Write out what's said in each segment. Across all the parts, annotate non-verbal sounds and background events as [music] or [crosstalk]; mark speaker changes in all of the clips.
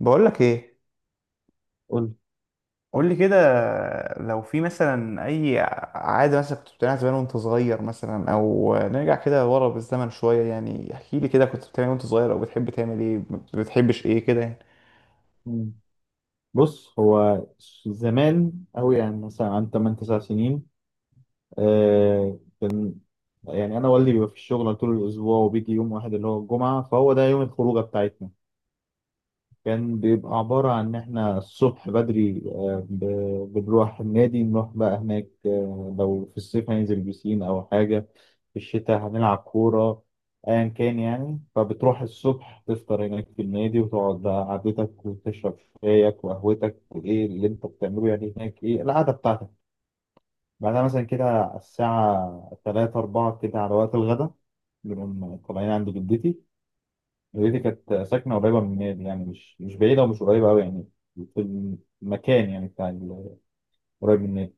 Speaker 1: بقولك ايه؟
Speaker 2: قول.
Speaker 1: قولي كده. لو في مثلا عادة مثلا كنت بتعملها زمان وانت صغير مثلا، او نرجع كده ورا بالزمن شوية. يعني احكي لي كده، كنت بتعمل إيه وانت صغير؟ او بتحب تعمل ايه؟ ما بتحبش ايه كده يعني.
Speaker 2: مم. بص، هو زمان أوي، يعني مثلا عن 8 9 سنين. كان يعني أنا والدي بيبقى في الشغل طول الأسبوع، وبيجي يوم واحد اللي هو الجمعة، فهو ده يوم الخروجة بتاعتنا. كان بيبقى عبارة عن إن إحنا الصبح بدري، بنروح النادي. نروح بقى هناك، لو في الصيف هننزل بسين أو حاجة، في الشتاء هنلعب كورة، أيا كان يعني. فبتروح الصبح تفطر هناك في النادي، وتقعد بقى قعدتك، وتشرب شايك وقهوتك، وإيه اللي أنت بتعمله يعني هناك، إيه القعدة بتاعتك. بعدها مثلا كده على الساعة تلاتة أربعة كده، على وقت الغدا، بنقوم طالعين عند جدتي. دي كانت ساكنة قريبة من النادي، يعني مش بعيدة ومش قريبة أوي يعني. في المكان يعني بتاع قريب من النادي.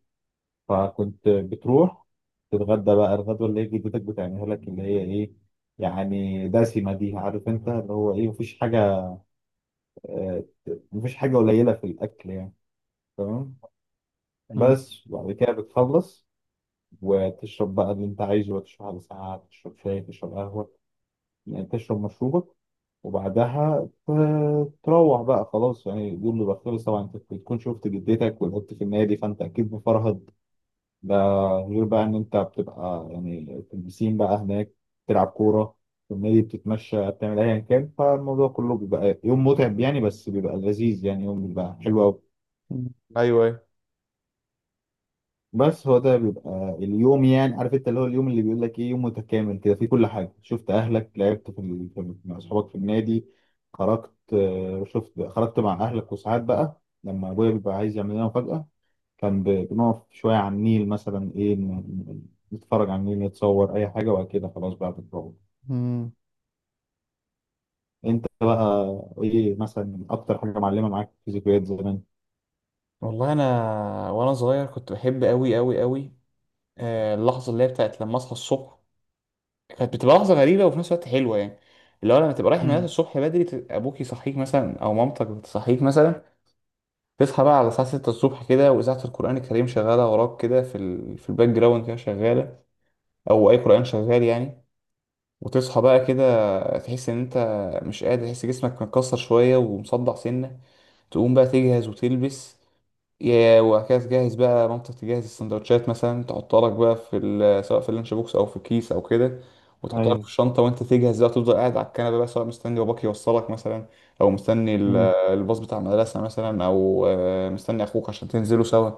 Speaker 2: فكنت بتروح تتغدى بقى الغدوة اللي هي جدتك بتعملها لك، اللي هي إيه، يعني دسمة، دي عارف أنت اللي هو إيه، مفيش حاجة، آه، مفيش حاجة قليلة في الأكل يعني. تمام.
Speaker 1: مم.
Speaker 2: بس وبعد كده بتخلص، وتشرب بقى اللي أنت عايزه، وتشرب على ساعة، تشرب شاي، تشرب قهوة، يعني تشرب مشروبك. وبعدها تروح بقى خلاص، يعني اليوم بيبقى خلص. طبعا انت بتكون شفت جدتك ولعبت في النادي، فانت اكيد مفرهد. ده غير بقى ان انت بتبقى يعني في البسين بقى هناك، تلعب كوره في النادي، بتتمشى، بتعمل ايا كان. فالموضوع كله بيبقى يوم متعب يعني، بس بيبقى لذيذ، يعني يوم بيبقى حلو قوي.
Speaker 1: مم. ايوه ايوه.
Speaker 2: بس هو ده بيبقى اليوم، يعني عارف انت اللي هو اليوم اللي بيقول لك ايه، يوم متكامل كده فيه كل حاجه. شفت اهلك، لعبت في مع اصحابك في النادي، خرجت، شفت، خرجت مع اهلك. وساعات بقى لما ابويا بيبقى عايز يعمل لنا مفاجاه، كان بنقف شويه على النيل مثلا، ايه نتفرج على النيل، نتصور اي حاجه، وبعد كده خلاص بقى بنروح.
Speaker 1: مم.
Speaker 2: انت بقى ايه مثلا اكتر حاجه معلمه معاك في ذكريات زمان؟
Speaker 1: والله انا وانا صغير كنت بحب قوي قوي قوي اللحظه اللي هي بتاعت لما اصحى الصبح. كانت بتبقى لحظه غريبه وفي نفس الوقت حلوه يعني. اللي هو لما تبقى رايح المدرسه
Speaker 2: امم،
Speaker 1: الصبح بدري، ابوك يصحيك مثلا او مامتك بتصحيك مثلا. تصحى بقى على الساعة 6 الصبح كده، وإذاعة القرآن الكريم شغالة وراك كده، في الباك جراوند كده شغالة، أو أي قرآن شغال يعني. وتصحى بقى كده تحس إن أنت مش قادر، تحس جسمك متكسر شوية ومصدع سنة. تقوم بقى تجهز وتلبس يا وهكذا. تجهز بقى مامتك تجهز السندوتشات مثلا، تحطها لك بقى سواء في اللانش بوكس او في كيس او كده، وتحطها لك في
Speaker 2: ايوه.
Speaker 1: الشنطه. وانت تجهز بقى، تفضل قاعد على الكنبه بقى، سواء مستني باباك يوصلك مثلا، او مستني
Speaker 2: امم،
Speaker 1: الباص بتاع المدرسه مثلا، او مستني اخوك عشان تنزلوا سوا.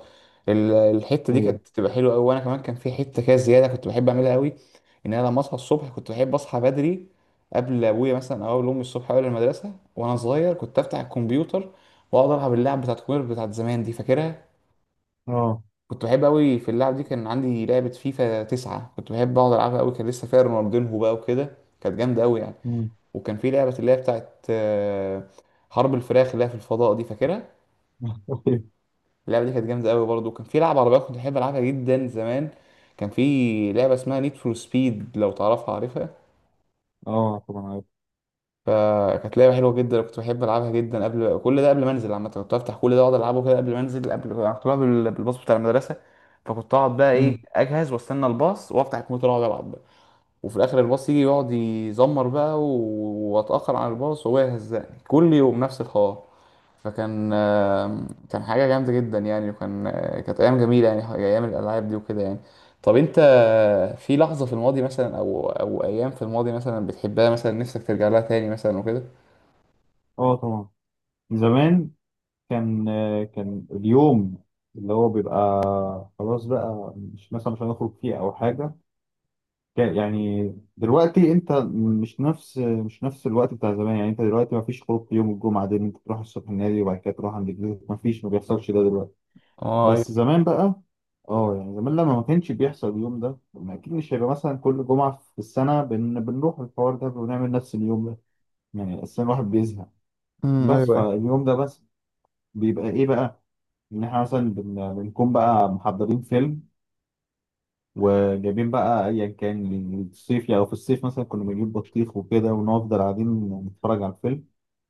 Speaker 1: الحته دي كانت
Speaker 2: ايوه.
Speaker 1: بتبقى حلوه قوي. وانا كمان كان في حته كده زياده كنت بحب اعملها قوي: ان انا لما اصحى الصبح كنت بحب اصحى بدري، قبل ابويا مثلا او قبل امي الصبح، قبل المدرسه. وانا صغير كنت افتح الكمبيوتر واقعد العب اللعب بتاعت كوير بتاعت زمان دي، فاكرها؟
Speaker 2: اه.
Speaker 1: كنت بحب قوي في اللعب دي. كان عندي لعبة فيفا تسعة كنت بحب اقعد العبها قوي، كان لسه فيها رونالدينهو بقى وكده، كانت جامدة قوي يعني.
Speaker 2: امم.
Speaker 1: وكان في لعبة اللي هي بتاعت حرب الفراخ اللي هي في الفضاء دي، فاكرها؟
Speaker 2: [laughs]
Speaker 1: اللعبة دي كانت جامدة قوي برضه. وكان في لعبة عربيات كنت بحب العبها جدا زمان، كان في لعبة اسمها نيد فور سبيد، لو تعرفها عارفها.
Speaker 2: اه طبعا.
Speaker 1: فكانت لعبة حلوة جدا كنت بحب ألعبها جدا. قبل كل ده، قبل ما أنزل عامة، كنت بفتح كل ده وأقعد ألعبه كده قبل ما أنزل. قبل كنت بلعب بالباص بتاع المدرسة، فكنت أقعد بقى إيه،
Speaker 2: عارف.
Speaker 1: أجهز وأستنى الباص وأفتح الكمبيوتر وأقعد ألعب. وفي الاخر الباص يجي يقعد يزمر بقى، واتاخر عن الباص وهو يهزقني كل يوم نفس الحوار. فكان كان حاجه جامده جدا يعني، وكان كانت ايام جميله يعني، ايام الالعاب دي وكده يعني. طب انت، في لحظه في الماضي مثلا، او ايام في الماضي مثلا بتحبها مثلا، نفسك ترجع لها تاني مثلا وكده؟
Speaker 2: اه طبعا. زمان كان، كان اليوم اللي هو بيبقى خلاص بقى، مش مثلا مش هنخرج فيه او حاجه. يعني دلوقتي انت، مش نفس الوقت بتاع زمان. يعني انت دلوقتي ما فيش خروج في يوم الجمعه ده، إن انت تروح الصبح النادي وبعد كده تروح عند جدتك. ما فيش، ما بيحصلش ده دلوقتي.
Speaker 1: اه ايوه.
Speaker 2: بس زمان بقى، اه يعني زمان لما ما كانش بيحصل اليوم ده، ما اكيد مش هيبقى مثلا كل جمعه في السنه بنروح الحوار ده ونعمل نفس اليوم ده. يعني اصلا الواحد بيزهق.
Speaker 1: ايوه
Speaker 2: بس
Speaker 1: أيوة.
Speaker 2: فاليوم ده بس بيبقى ايه بقى، ان احنا مثلا بنكون بقى محضرين فيلم، وجايبين بقى ايا كان. الصيف يعني لو في الصيف مثلا كنا بنجيب بطيخ وكده ونفضل قاعدين نتفرج على الفيلم.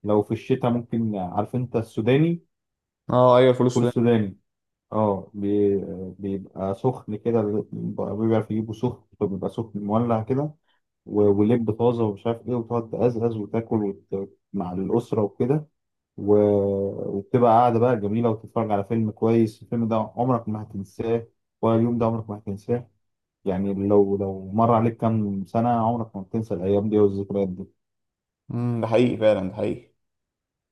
Speaker 2: لو في الشتاء ممكن عارف انت السوداني،
Speaker 1: اه ايوه،
Speaker 2: فول
Speaker 1: الفلوس ده.
Speaker 2: السوداني. اه بيبقى سخن كده، بيعرف يجيبه سخن فبيبقى سخن مولع كده، ولب طازه ومش عارف ايه، وتقعد تقزقز وتاكل مع الاسره وكده. و... وبتبقى قاعدة بقى جميلة، وتتفرج على فيلم كويس. الفيلم ده عمرك ما هتنساه، ولا اليوم ده عمرك ما هتنساه. يعني لو مر عليك كام سنة عمرك ما هتنسى الأيام دي والذكريات دي.
Speaker 1: امم، ده حقيقي فعلا، ده حقيقي.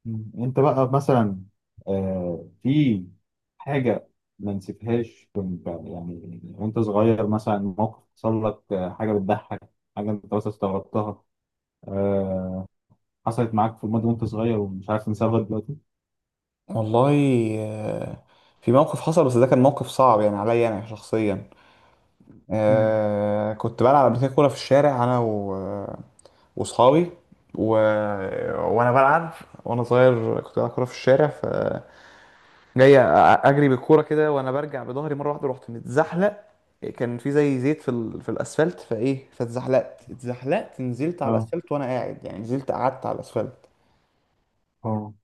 Speaker 2: مم. أنت بقى مثلا، في حاجة ما نسيتهاش كنت يعني وأنت صغير، مثلا موقف حصل لك، حاجة بتضحك، حاجة أنت بس استغربتها، آه حصلت معاك في الماضي وأنت صغير ومش عارف تنساها لغاية دلوقتي؟
Speaker 1: والله، آه، في موقف حصل، بس ده كان موقف صعب يعني عليا انا شخصيا.
Speaker 2: مم.
Speaker 1: آه كنت بلعب قبل كده كورة في الشارع، أنا و... وصحابي و... وأنا بلعب. وأنا صغير كنت بلعب كورة في الشارع، فجاي أجري بالكورة كده وأنا برجع بظهري، مرة واحدة رحت متزحلق. كان في زي زيت في الأسفلت، فإيه، اتزحلقت، نزلت على
Speaker 2: اه.
Speaker 1: الأسفلت وأنا قاعد يعني، نزلت قعدت على الأسفلت.
Speaker 2: اه.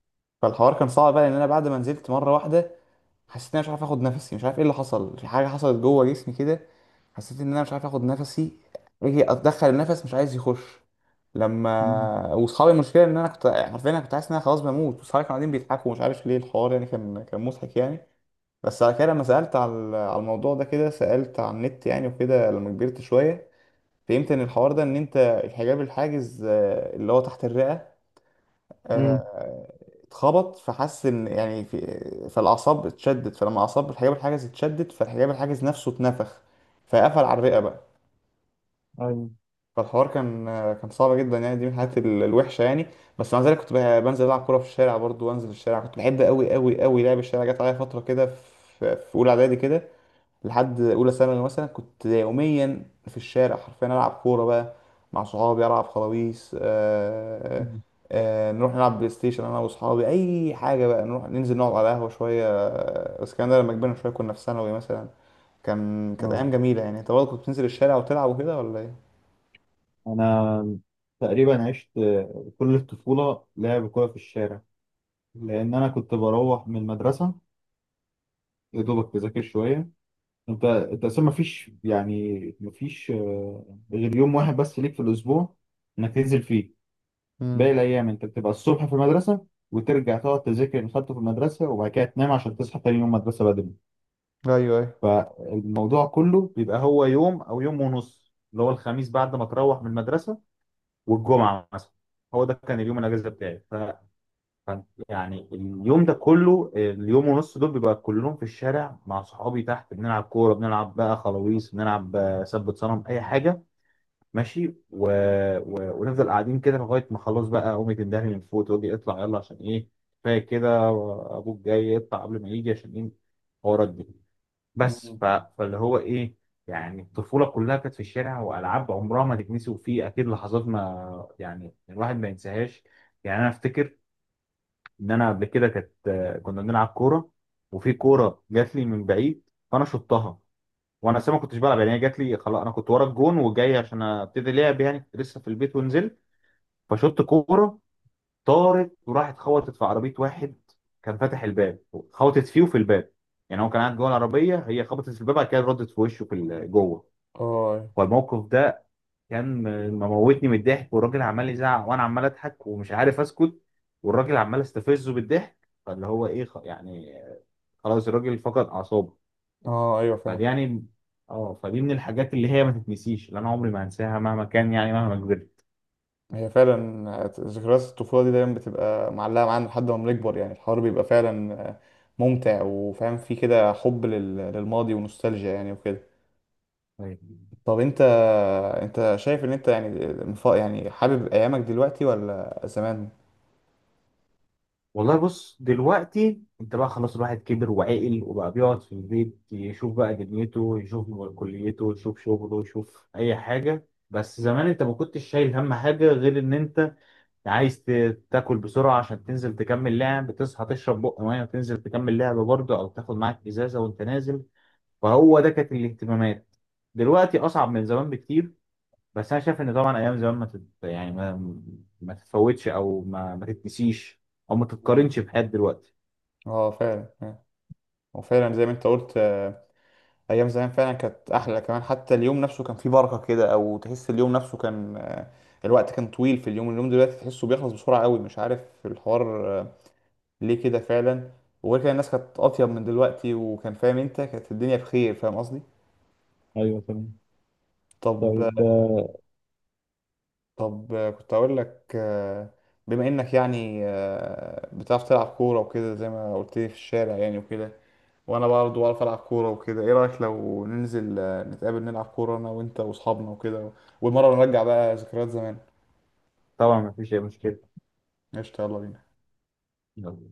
Speaker 1: فالحوار كان صعب بقى، لأن أنا بعد ما نزلت مرة واحدة حسيت ان انا مش عارف اخد نفسي، مش عارف ايه اللي حصل، في حاجه حصلت جوه جسمي كده. حسيت ان انا مش عارف اخد نفسي، اجي اتدخل النفس مش عايز يخش.
Speaker 2: مم.
Speaker 1: واصحابي، المشكله ان انا كنت عارفين، انا كنت حاسس ان انا خلاص بموت، واصحابي كانوا قاعدين بيضحكوا، ومش عارف ليه الحوار يعني، كان مضحك يعني. بس على كده لما سالت على الموضوع ده كده، سالت على النت يعني وكده لما كبرت شويه، فهمت ان الحوار ده ان انت الحجاب الحاجز، اللي هو تحت الرئه،
Speaker 2: مم.
Speaker 1: آه، اتخبط، فحس ان يعني في، فالاعصاب اتشدت، فلما اعصاب الحجاب الحاجز اتشدت، فالحجاب الحاجز نفسه اتنفخ، فقفل على الرئه بقى.
Speaker 2: ايوه.
Speaker 1: فالحوار كان كان صعب جدا يعني، دي من الحاجات الوحشه يعني. بس مع ذلك كنت بنزل العب كوره في الشارع برضو، وانزل الشارع كنت بحب قوي قوي قوي لعب الشارع. جت عليا فتره كده في اولى اعدادي كده لحد اولى ثانوي مثلا كنت يوميا في الشارع حرفيا العب كوره بقى مع صحابي، العب خلاويص،
Speaker 2: مم.
Speaker 1: نروح نلعب بلاي ستيشن انا واصحابي، اي حاجه بقى، نروح ننزل نقعد على قهوه شويه، بس الكلام ده لما كبرنا شويه، كنا في ثانوي مثلا. كانت
Speaker 2: اه.
Speaker 1: ايام جميله يعني. انت برضه كنت بتنزل الشارع وتلعب وكده ولا ايه؟
Speaker 2: انا تقريبا عشت كل الطفوله لعب كوره في الشارع، لان انا كنت بروح من المدرسه يا دوبك تذاكر شويه. انت اصلا مفيش، يعني مفيش، غير يوم واحد بس ليك في الاسبوع انك تنزل فيه. باقي
Speaker 1: امم
Speaker 2: الايام انت بتبقى الصبح في المدرسه، وترجع تقعد تذاكر اللي خدته في المدرسه، وبعد كده تنام عشان تصحى تاني يوم مدرسه بدري.
Speaker 1: ايوه ايوه.
Speaker 2: فالموضوع كله بيبقى هو يوم او يوم ونص، اللي هو الخميس بعد ما تروح من المدرسه والجمعه مثلا. هو ده كان اليوم الاجازه بتاعي. ف كان- يعني اليوم ده كله، اليوم ونص دول، بيبقى كلهم في الشارع مع صحابي تحت، بنلعب كوره، بنلعب بقى خلاويص، بنلعب سبت صنم، اي حاجه ماشي. ونفضل قاعدين كده لغايه ما خلاص بقى امي تندهني من فوق تقول لي اطلع يلا، عشان ايه كفايه كده، ابوك جاي اطلع قبل ما يجي، عشان ايه حوارات دي.
Speaker 1: مم.
Speaker 2: فاللي هو ايه، يعني الطفوله كلها كانت في الشارع، والعاب عمرها ما تتنسي. وفي اكيد لحظات ما يعني الواحد ما ينساهاش. يعني انا افتكر ان انا قبل كده كانت، كنا بنلعب كوره، وفي كوره جات لي من بعيد فانا شطها، وانا أساسا ما كنتش بلعب يعني، هي جات لي خلاص، انا كنت ورا الجون وجاي عشان ابتدي لعب يعني، كنت لسه في البيت ونزلت. فشط كوره طارت وراحت خبطت في عربيه واحد كان فاتح الباب. خبطت فيه وفي الباب، يعني هو كان قاعد جوه العربيه، هي خبطت في الباب بعد كده ردت في وشه في جوه.
Speaker 1: اه.
Speaker 2: فالموقف ده كان مموتني من الضحك، والراجل عمال يزعق وانا عمال اضحك ومش عارف اسكت، والراجل عمال استفزه بالضحك، فاللي هو ايه، يعني خلاص الراجل فقد اعصابه.
Speaker 1: اه ايوه، فاهم.
Speaker 2: فدي يعني، اه فدي من الحاجات اللي هي ما تتنسيش، اللي انا عمري ما هنساها مهما كان، يعني مهما
Speaker 1: هي فعلا ذكريات الطفولة دي دايما بتبقى معلقة معانا لحد ما بنكبر، يعني الحوار بيبقى فعلا ممتع، وفاهم فيه كده حب للماضي ونوستالجيا يعني وكده.
Speaker 2: كبرت.
Speaker 1: طب انت، انت شايف ان انت يعني يعني حابب ايامك دلوقتي ولا زمان؟
Speaker 2: والله بص، دلوقتي انت بقى خلاص، الواحد كبر وعقل وبقى بيقعد في البيت يشوف بقى دنيته، يشوف كليته، يشوف شغله، يشوف اي حاجة. بس زمان انت ما كنتش شايل هم حاجة غير ان انت عايز تاكل بسرعة عشان تنزل تكمل لعب، تصحى تشرب بق مية وتنزل تكمل لعب برضه، او تاخد معاك ازازة وانت نازل. فهو ده كانت الاهتمامات. دلوقتي اصعب من زمان بكتير. بس انا شايف ان طبعا ايام زمان ما تت... يعني ما تتفوتش، او ما تتنسيش، او ما
Speaker 1: مم.
Speaker 2: تتقارنش بحياة دلوقتي.
Speaker 1: اه فعلا آه. وفعلا زي ما انت قلت، ايام زمان فعلا كانت احلى، كمان حتى اليوم نفسه كان فيه بركه كده، او تحس اليوم نفسه كان الوقت كان طويل في اليوم. اليوم دلوقتي تحسه بيخلص بسرعه قوي، مش عارف الحوار ليه كده فعلا. وغير كده الناس كانت اطيب من دلوقتي، وكان فاهم انت، كانت الدنيا بخير، فاهم قصدي.
Speaker 2: ايوه تمام.
Speaker 1: طب
Speaker 2: طيب،
Speaker 1: طب كنت اقول لك، بما انك يعني بتعرف تلعب كوره وكده زي ما قلت لي في الشارع يعني وكده، وانا برضه بعرف العب كوره وكده، ايه رايك لو ننزل نتقابل نلعب كوره انا وانت واصحابنا وكده، والمره نرجع بقى ذكريات زمان؟
Speaker 2: طبعا ما فيش اي مشكلة.
Speaker 1: قشطه، يلا بينا.
Speaker 2: يلا.